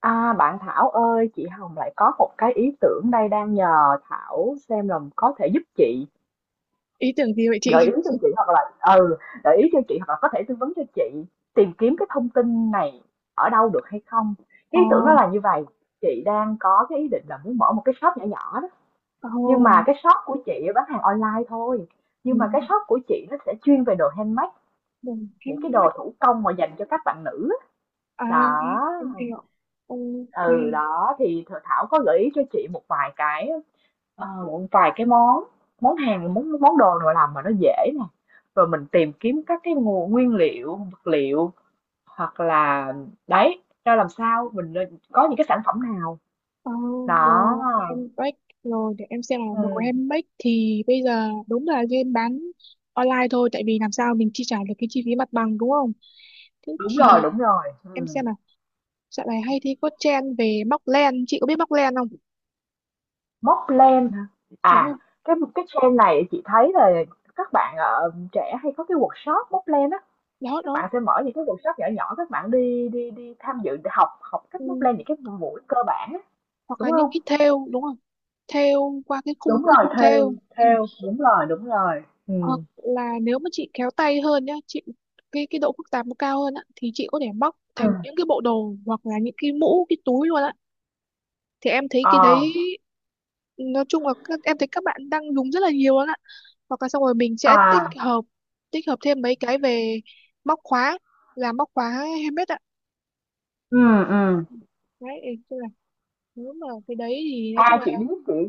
À, bạn Thảo ơi, chị Hồng lại có một cái ý tưởng đây đang nhờ Thảo xem là có thể giúp chị Ý tưởng gì vậy gợi chị? ý cho chị ừ, gợi ý cho chị hoặc là có thể tư vấn cho chị tìm kiếm cái thông tin này ở đâu được hay không. Ờ. Cái ý tưởng đó là như vậy, chị đang có cái ý định là muốn mở một cái shop nhỏ nhỏ đó, nhưng mà Oh. cái shop của chị bán hàng online thôi. Ừ. Nhưng mà cái shop của chị nó sẽ chuyên về đồ handmade, Đừng em những cái đồ bách thủ công mà dành cho các bạn nữ á. à? em Đó. em hiểu. Ok. Ừ đó thì Thảo có gợi ý cho chị một vài cái món món hàng món món đồ nào làm mà nó dễ nè rồi mình tìm kiếm các cái nguồn nguyên liệu vật liệu hoặc là đấy ra làm sao mình nên có những cái sản phẩm nào Ờ, đó. đồ em bách. Rồi để em xem là đồ Ừ. em bách thì bây giờ đúng là nên bán online thôi, tại vì làm sao mình chi trả được cái chi phí mặt bằng, đúng không? Thế Đúng rồi, thì đúng rồi, em ừ. xem nào. Dạo này hay thấy có trend về móc len, chị có biết móc len không? Móc len hả? Đúng không? À, cái trend này chị thấy là các bạn trẻ hay có cái workshop móc len á. Đó Các đó. bạn sẽ mở những cái workshop nhỏ nhỏ, các bạn đi đi đi tham dự học học Ừ. cách móc len những cái buổi cơ bản á, Hoặc đúng là những không? cái thêu, đúng không? Thêu qua cái khung Đúng cái rồi, khung theo, thêu. Ừ. theo, đúng rồi, đúng rồi. Ừ, Ờ, là nếu mà chị khéo tay hơn nhá chị, cái độ phức tạp nó cao hơn á thì chị có thể móc ừ, thành những cái bộ đồ hoặc là những cái mũ, cái túi luôn á. Thì em thấy cái ờ, đấy, nói chung là các, em thấy các bạn đang dùng rất là nhiều luôn á. Hoặc là xong rồi mình sẽ tích à, hợp, thêm mấy cái về móc khóa, làm móc khóa handmade ạ. ừ, ừ. Đấy ý là, nếu mà cái đấy thì nói chung À, là... chị biết chị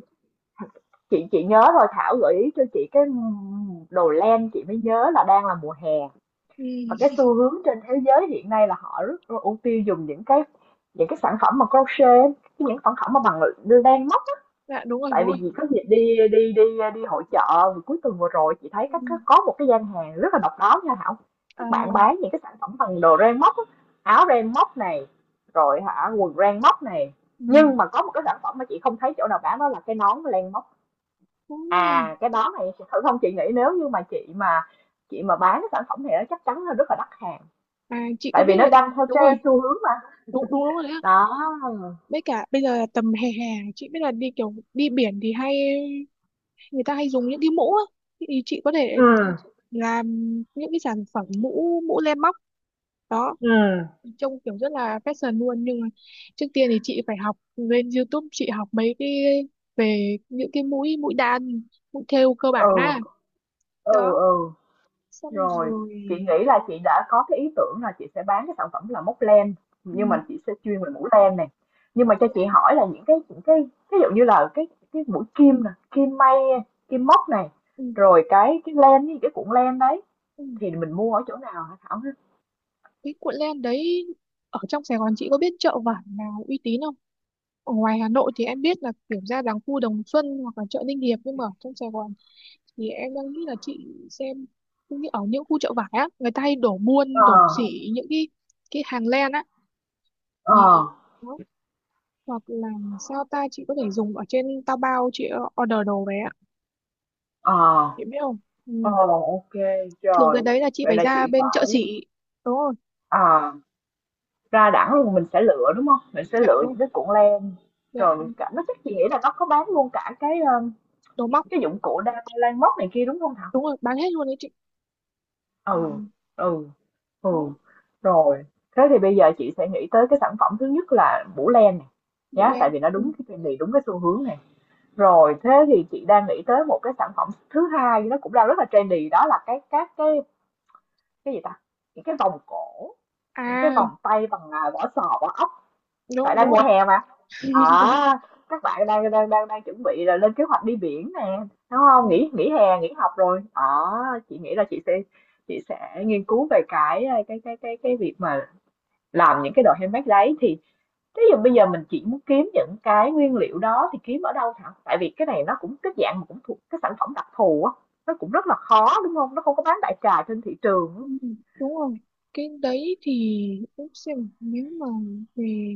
chị chị nhớ rồi, Thảo gợi ý cho chị cái đồ len chị mới nhớ là đang là mùa hè Ừ. và cái xu hướng trên thế giới hiện nay là họ rất ưu tiên dùng những cái sản phẩm mà crochet, những sản phẩm mà bằng len. Dạ đúng rồi, Tại đúng vì rồi. chị có dịp đi đi đi đi hội chợ cuối tuần vừa rồi, chị thấy Ừ. Có một cái gian hàng rất là độc đáo nha Thảo. Ờ. Các bạn bán những cái sản phẩm bằng đồ ren móc á, áo ren móc này rồi hả quần ren móc này, Ừ. nhưng mà có một cái sản phẩm mà chị không thấy chỗ nào bán đó là cái nón len móc. Đúng rồi. À cái đó này chị thử không, chị nghĩ nếu như mà chị mà bán cái sản phẩm này nó chắc chắn là rất là đắt hàng, À, chị có tại biết vì nó là đang theo đúng rồi. trend xu hướng mà. Đúng đúng, đúng rồi đấy. Đó. Ừ, Với cả bây giờ là tầm hè, chị biết là đi kiểu đi biển thì hay người ta hay dùng những cái mũ á, thì chị có thể làm những cái sản phẩm mũ mũ len móc. Đó. ừ, Trông kiểu rất là fashion luôn, nhưng mà trước tiên thì chị phải học lên YouTube chị học mấy cái về những cái mũi mũi đan, mũi thêu cơ ừ, bản á. ừ, Đó, ừ. xong Rồi, rồi. chị nghĩ là chị đã có cái ý tưởng là chị sẽ bán cái sản phẩm là móc len, Ừ. nhưng mà chị sẽ chuyên về mũ len này. Nhưng mà cho chị hỏi là những cái ví dụ như là cái mũi kim nè, kim may, kim móc này Ừ. rồi cái len với cái cuộn len đấy Ừ. thì mình mua ở chỗ nào hả Thảo ha? Cái cuộn len đấy, ở trong Sài Gòn chị có biết chợ vải nào uy tín không? Ở ngoài Hà Nội thì em biết là kiểu ra làng khu Đồng Xuân hoặc là chợ Ninh Hiệp, nhưng mà ở trong Sài Gòn thì em đang nghĩ là chị xem, cũng như ở những khu chợ vải á người ta hay đổ Ờ, buôn đổ xỉ những cái hàng len á, ờ, thì đó. Hoặc là sao ta, chị có thể dùng ở trên Taobao, chị order đồ về á, ờ, chị biết không? Ừ. ờ, ok, Thường cái rồi. đấy là chị Vậy phải là chị ra bên chợ phải, xỉ. Đúng rồi. à, ra đẳng luôn mình sẽ lựa đúng không? Mình sẽ Dạ lựa đúng. những cái cuộn len Dạ. rồi mình cả nó chắc chị nghĩ là nó có bán luôn cả cái, Đồ móc. cái dụng cụ đa lan móc này kia, đúng không Thảo? Đúng rồi, bán hết luôn đấy chị. Ừ. Ừ, ừ, Đó. ừ, rồi. Thế thì bây giờ chị sẽ nghĩ tới cái sản phẩm thứ nhất là mũ len này Bộ nhá, len. tại vì nó Ừ. đúng cái trendy, đúng cái xu hướng này. Rồi, thế thì chị đang nghĩ tới một cái sản phẩm thứ hai nó cũng đang rất là trendy, đó là cái các cái gì ta? Những cái vòng cổ, những cái À vòng tay bằng, à, vỏ sò, vỏ ốc. Tại đúng, đúng đang mùa rồi. hè mà. À, các bạn đang đang đang đang chuẩn bị là lên kế hoạch đi biển nè, đúng không, Đúng. nghỉ nghỉ hè nghỉ học rồi, à, chị nghĩ là chị sẽ nghiên cứu về cái việc mà làm những cái đồ handmade đấy thì thế giờ bây giờ mình chỉ muốn kiếm những cái nguyên liệu đó thì kiếm ở đâu hả, tại vì cái này nó cũng cái dạng mà cũng thuộc cái sản phẩm đặc thù á, nó cũng rất là khó đúng không, nó không có bán đại trà trên thị trường á. Ừ, đúng rồi. Cái đấy thì để xem nếu mà về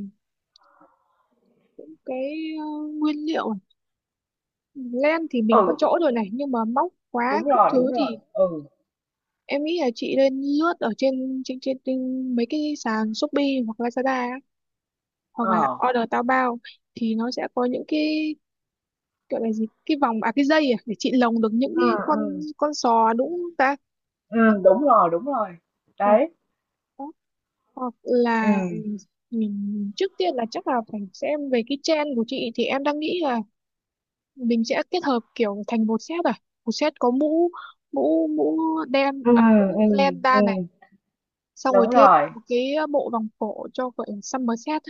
cái, ờ, nguyên liệu này. Len thì mình có Ừ, chỗ rồi này, nhưng mà móc khóa đúng các rồi, đúng thứ rồi, thì ừ, em nghĩ là chị nên lướt ở trên mấy cái sàn Shopee hoặc Lazada á, hoặc ờ, là order Taobao, thì nó sẽ có những cái, gọi là gì, cái vòng à cái dây à, để chị lồng được những ừ, cái con ừ, con sò, đúng không ta? ừ, đúng rồi, đúng rồi. Ờ. Đấy, Đó. Hoặc là, ừ, mình trước tiên là chắc là phải xem về cái trend của chị, thì em đang nghĩ là mình sẽ kết hợp kiểu thành một set, à một set có mũ, mũ mũ đen ừ, à, ừ, mũ len da này, ừm, xong rồi đúng thêm rồi. một cái bộ vòng cổ cho gọi là summer set.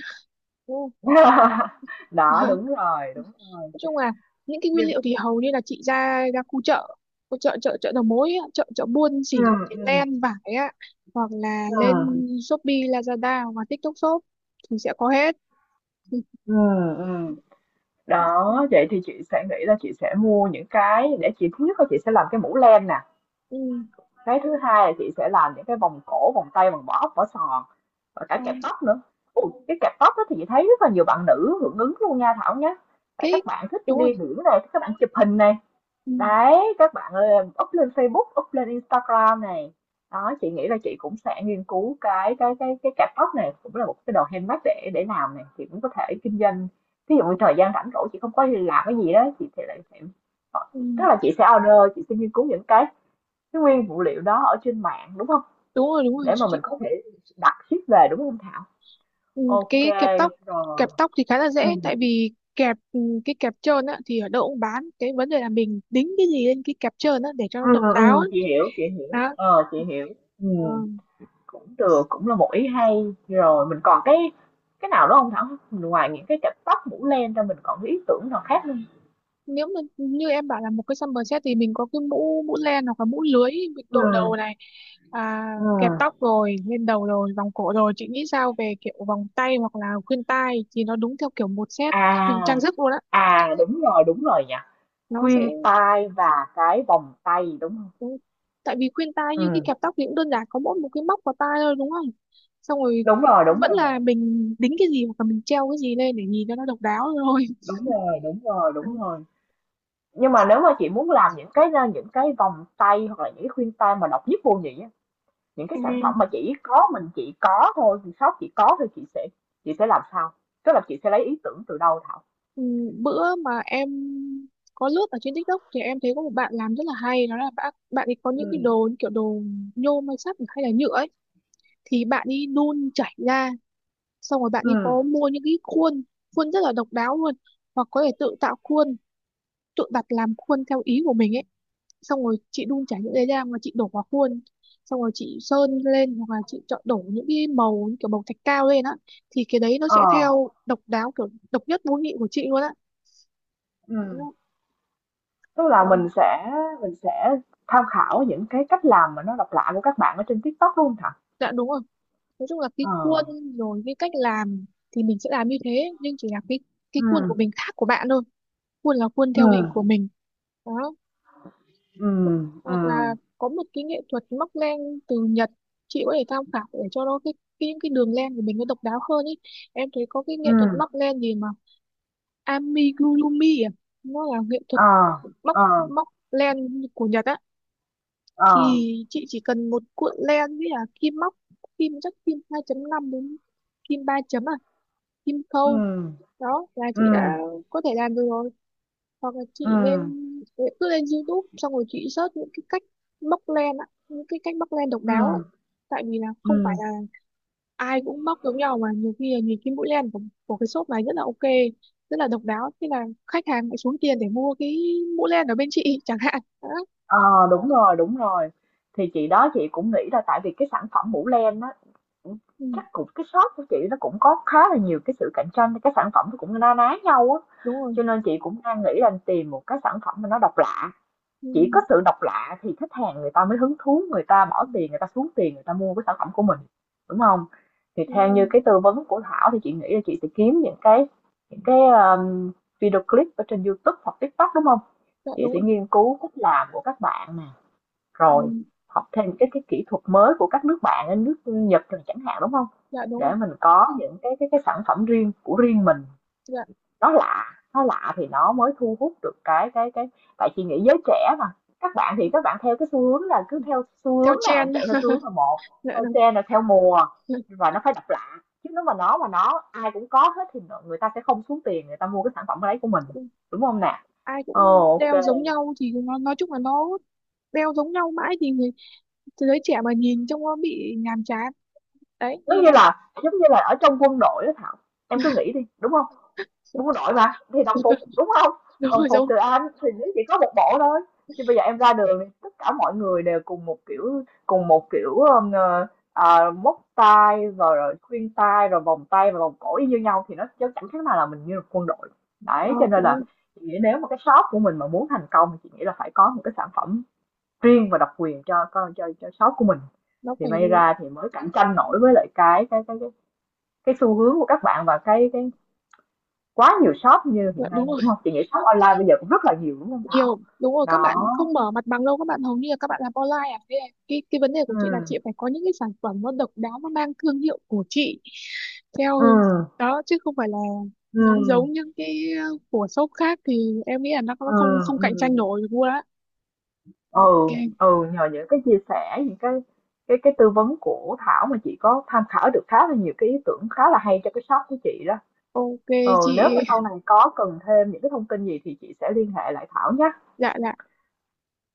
Ồ. Đó, đúng rồi, đúng rồi. Nói chung là những cái nguyên Nhưng liệu thì hầu như là chị ra ra khu chợ chợ chợ đầu mối á, chợ chợ buôn ừ, chỉ cái ừ, len vải á, hoặc là ừ, lên Shopee Lazada hoặc là TikTok Shop thì sẽ có hết. Ừm. Đó, vậy thì chị sẽ nghĩ là chị sẽ mua những cái để chị, thứ nhất là chị sẽ làm cái mũ len nè, Ừ. cái thứ hai là chị sẽ làm những cái vòng cổ, vòng tay, vòng bỏ ốc, vỏ sò và cả Ờ, kẹp tóc nữa. Ồ, cái kẹp tóc đó thì chị thấy rất là nhiều bạn nữ hưởng ứng luôn nha Thảo nhá. Tại cái. các bạn thích Đúng rồi. đi biển này, các bạn chụp hình này. Ừ. Đấy, các bạn ơi, em up lên Facebook, up lên Instagram này. Đó, chị nghĩ là chị cũng sẽ nghiên cứu cái cạp tóc này cũng là một cái đồ handmade để làm này, chị cũng có thể kinh doanh. Ví dụ như thời gian rảnh rỗi chị không có làm cái gì đó, chị thì lại sẽ, ờ, Ừ, tức là chị sẽ order, chị sẽ nghiên cứu những cái nguyên phụ liệu đó ở trên mạng đúng không? đúng rồi, đúng rồi Để mà chị. mình có thể đặt ship về đúng không Thảo? Ừ, Ok, cái kẹp tóc. Kẹp rồi. tóc thì khá là Ừ. dễ, tại vì kẹp, ừ, cái kẹp trơn á thì ở đâu cũng bán, cái vấn đề là mình đính cái gì lên cái kẹp trơn á để cho nó Ừ, độc ừ, đáo ừ, ấy. chị hiểu, chị hiểu. Đó. Ờ, chị hiểu. Ừ. Ờ, Cũng được, cũng là một ý hay. Rồi mình còn cái nào đó không Thảo? Ngoài những cái cặp tóc, mũ len ra mình còn cái ý tưởng nào khác không? nếu mà như em bảo là một cái summer set thì mình có cái mũ mũ len hoặc là mũ lưới mình đội đầu Ừm, này, à, kẹp ừm. tóc rồi lên đầu rồi vòng cổ, rồi chị nghĩ sao về kiểu vòng tay hoặc là khuyên tai thì nó đúng theo kiểu một set trang À, sức luôn á, à, đúng rồi nhỉ, nó sẽ... khuyên tai và cái vòng tay, đúng không? Ừ. Tại vì khuyên tai như cái Ừm. kẹp tóc thì cũng đơn giản, có mỗi một cái móc vào tai thôi, đúng không? Xong rồi Đúng rồi, vẫn là mình đính cái gì hoặc là mình treo cái gì lên để nhìn cho nó độc đáo thôi. Đó. đúng rồi. Nhưng mà nếu mà chị muốn làm những cái, a, những cái vòng tay hoặc là những cái khuyên tai mà độc nhất vô nhị á, những cái À. sản phẩm mà chỉ có mình chị có thôi, thì shop chị có thôi, chị sẽ làm sao? Tức là chị sẽ lấy ý tưởng từ đâu Thảo? Ừ, bữa mà em có lướt ở trên TikTok thì em thấy có một bạn làm rất là hay, đó là bạn bạn ấy có Ừ, những cái đồ như kiểu đồ nhôm hay sắt hay là nhựa ấy, thì bạn ấy đun chảy ra, xong rồi bạn ấy ừ, có mua những cái khuôn khuôn rất là độc đáo luôn, hoặc có thể tự tạo khuôn, tự đặt làm khuôn theo ý của mình ấy, xong rồi chị đun chả những cái ra mà chị đổ vào khuôn, xong rồi chị sơn lên hoặc là chị chọn đổ những cái màu như kiểu màu thạch cao lên á, thì cái đấy nó ờ, sẽ theo độc đáo kiểu độc nhất vô nhị của chị luôn á, đúng ừ, không? tức là Ờ. Mình sẽ tham khảo những cái cách làm mà nó độc lạ của các bạn ở trên TikTok đúng không Thảo? Dạ đúng rồi. Nói chung là cái Ờ. khuôn rồi cái cách làm thì mình sẽ làm như thế, nhưng chỉ là cái khuôn của Ừ, mình khác của bạn thôi, khuôn là khuôn ừ, theo hình của mình. Đó. ừ, Ho- ừ, hoặc là có một cái nghệ thuật móc len từ Nhật, chị có thể tham khảo để cho nó cái những cái đường len của mình nó độc đáo hơn ý. Em thấy có cái ừ, nghệ thuật móc len gì mà amigurumi à, nó là nghệ thuật ờ, móc ờ, móc len của Nhật á, ờ, thì chị chỉ cần một cuộn len với là kim móc, kim chắc kim 2,5 đến kim 3 chấm à, kim ừ, khâu đó là ừ, chị đã có thể làm được rồi. Hoặc là chị ừ, nên cứ lên YouTube xong rồi chị search những cái cách móc len á, những cái cách móc len độc ừ, đáo á, tại vì là không phải ừ. là ai cũng móc giống nhau, mà nhiều khi là nhìn cái mũi len của cái shop này rất là ok, rất là độc đáo, thế là khách hàng lại xuống tiền để mua cái mũi len ở bên chị chẳng hạn đó. Ờ, đúng rồi, đúng rồi. Thì chị đó chị cũng nghĩ là tại vì cái sản phẩm mũ len á cũng- Ừ, chắc cũng cái shop của chị nó cũng có khá là nhiều cái sự cạnh tranh, cái sản phẩm nó cũng na ná nhau á, đúng rồi. cho nên chị cũng đang nghĩ là tìm một cái sản phẩm mà nó độc lạ, Ừ, chỉ có sự độc lạ thì khách hàng người ta mới hứng thú, người ta ừ, bỏ tiền, người ta xuống tiền, người ta mua cái sản phẩm của mình, đúng không? Thì ừ, theo ừ. như cái tư vấn của Thảo thì chị nghĩ là chị sẽ kiếm những cái, video clip ở trên YouTube hoặc TikTok, đúng không? Dạ Chị đúng sẽ rồi. nghiên cứu cách làm của các bạn nè, Ừ, rồi học thêm cái kỹ thuật mới của các nước bạn nước Nhật rồi chẳng hạn, đúng không? dạ đúng Để rồi. mình có những cái sản phẩm riêng của riêng mình, Dạ. nó lạ, nó lạ thì nó mới thu hút được cái, tại chị nghĩ giới trẻ mà, các bạn thì các bạn theo cái xu hướng là cứ theo xu Theo hướng là trend. chạy theo xu hướng là một, Dạ theo đúng. trend là theo mùa và nó phải độc lạ, chứ nếu mà nó ai cũng có hết thì người ta sẽ không xuống tiền người ta mua cái sản phẩm đấy của mình, đúng không nè? Ai cũng Ồ đeo ok, giống nhau thì nó nói chung là nó đeo giống nhau mãi thì người, thế giới trẻ mà nhìn trông nó bị nhàm chán. Đấy như em... giống như là ở trong quân đội đó Thảo, em cứ nghĩ đi đúng không? Đúng rồi mà, thì đồng phục, đúng không? Đúng Đồng rồi, phục đúng. từ anh thì nó chỉ có một bộ thôi, nhưng bây giờ em ra đường thì tất cả mọi người đều cùng một kiểu, ờ, ờ, móc tay rồi rồi khuyên tai, rồi vòng tay và vòng cổ y như nhau thì nó chớ chẳng khác nào là mình như là quân đội. Đấy, cho Đó, đúng nên rồi. là chị nghĩ nếu mà cái shop của mình mà muốn thành công thì chị nghĩ là phải có một cái sản phẩm riêng và độc quyền cho shop của mình, Nó thì phải. may ra thì mới cạnh tranh nổi với lại cái xu hướng của các bạn và cái quá nhiều shop như Dạ, hiện đúng nay, rồi. đúng không? Chị nghĩ shop online bây giờ cũng rất là nhiều, đúng không Thảo? Nhiều, đúng rồi, các Đó, bạn không mở mặt bằng đâu, các bạn hầu như là các bạn làm online à, thế là cái vấn đề của chị là chị ừm, phải có những cái sản phẩm nó độc đáo, nó mang thương hiệu của chị, theo ừm, đó, chứ không phải là giống ừm, giống những cái, ờ, của shop khác, thì em nghĩ là nó không ừm, không cạnh ừm, tranh nổi được luôn á. ừ, Ok. ừ, nhờ những cái chia sẻ, những cái tư vấn của Thảo mà chị có tham khảo được khá là nhiều cái ý tưởng khá là hay cho cái shop của chị đó. Ok Ừ, chị. nếu mà sau này có cần thêm những cái thông tin gì thì chị sẽ liên hệ lại Thảo nhé. Dạ dạ.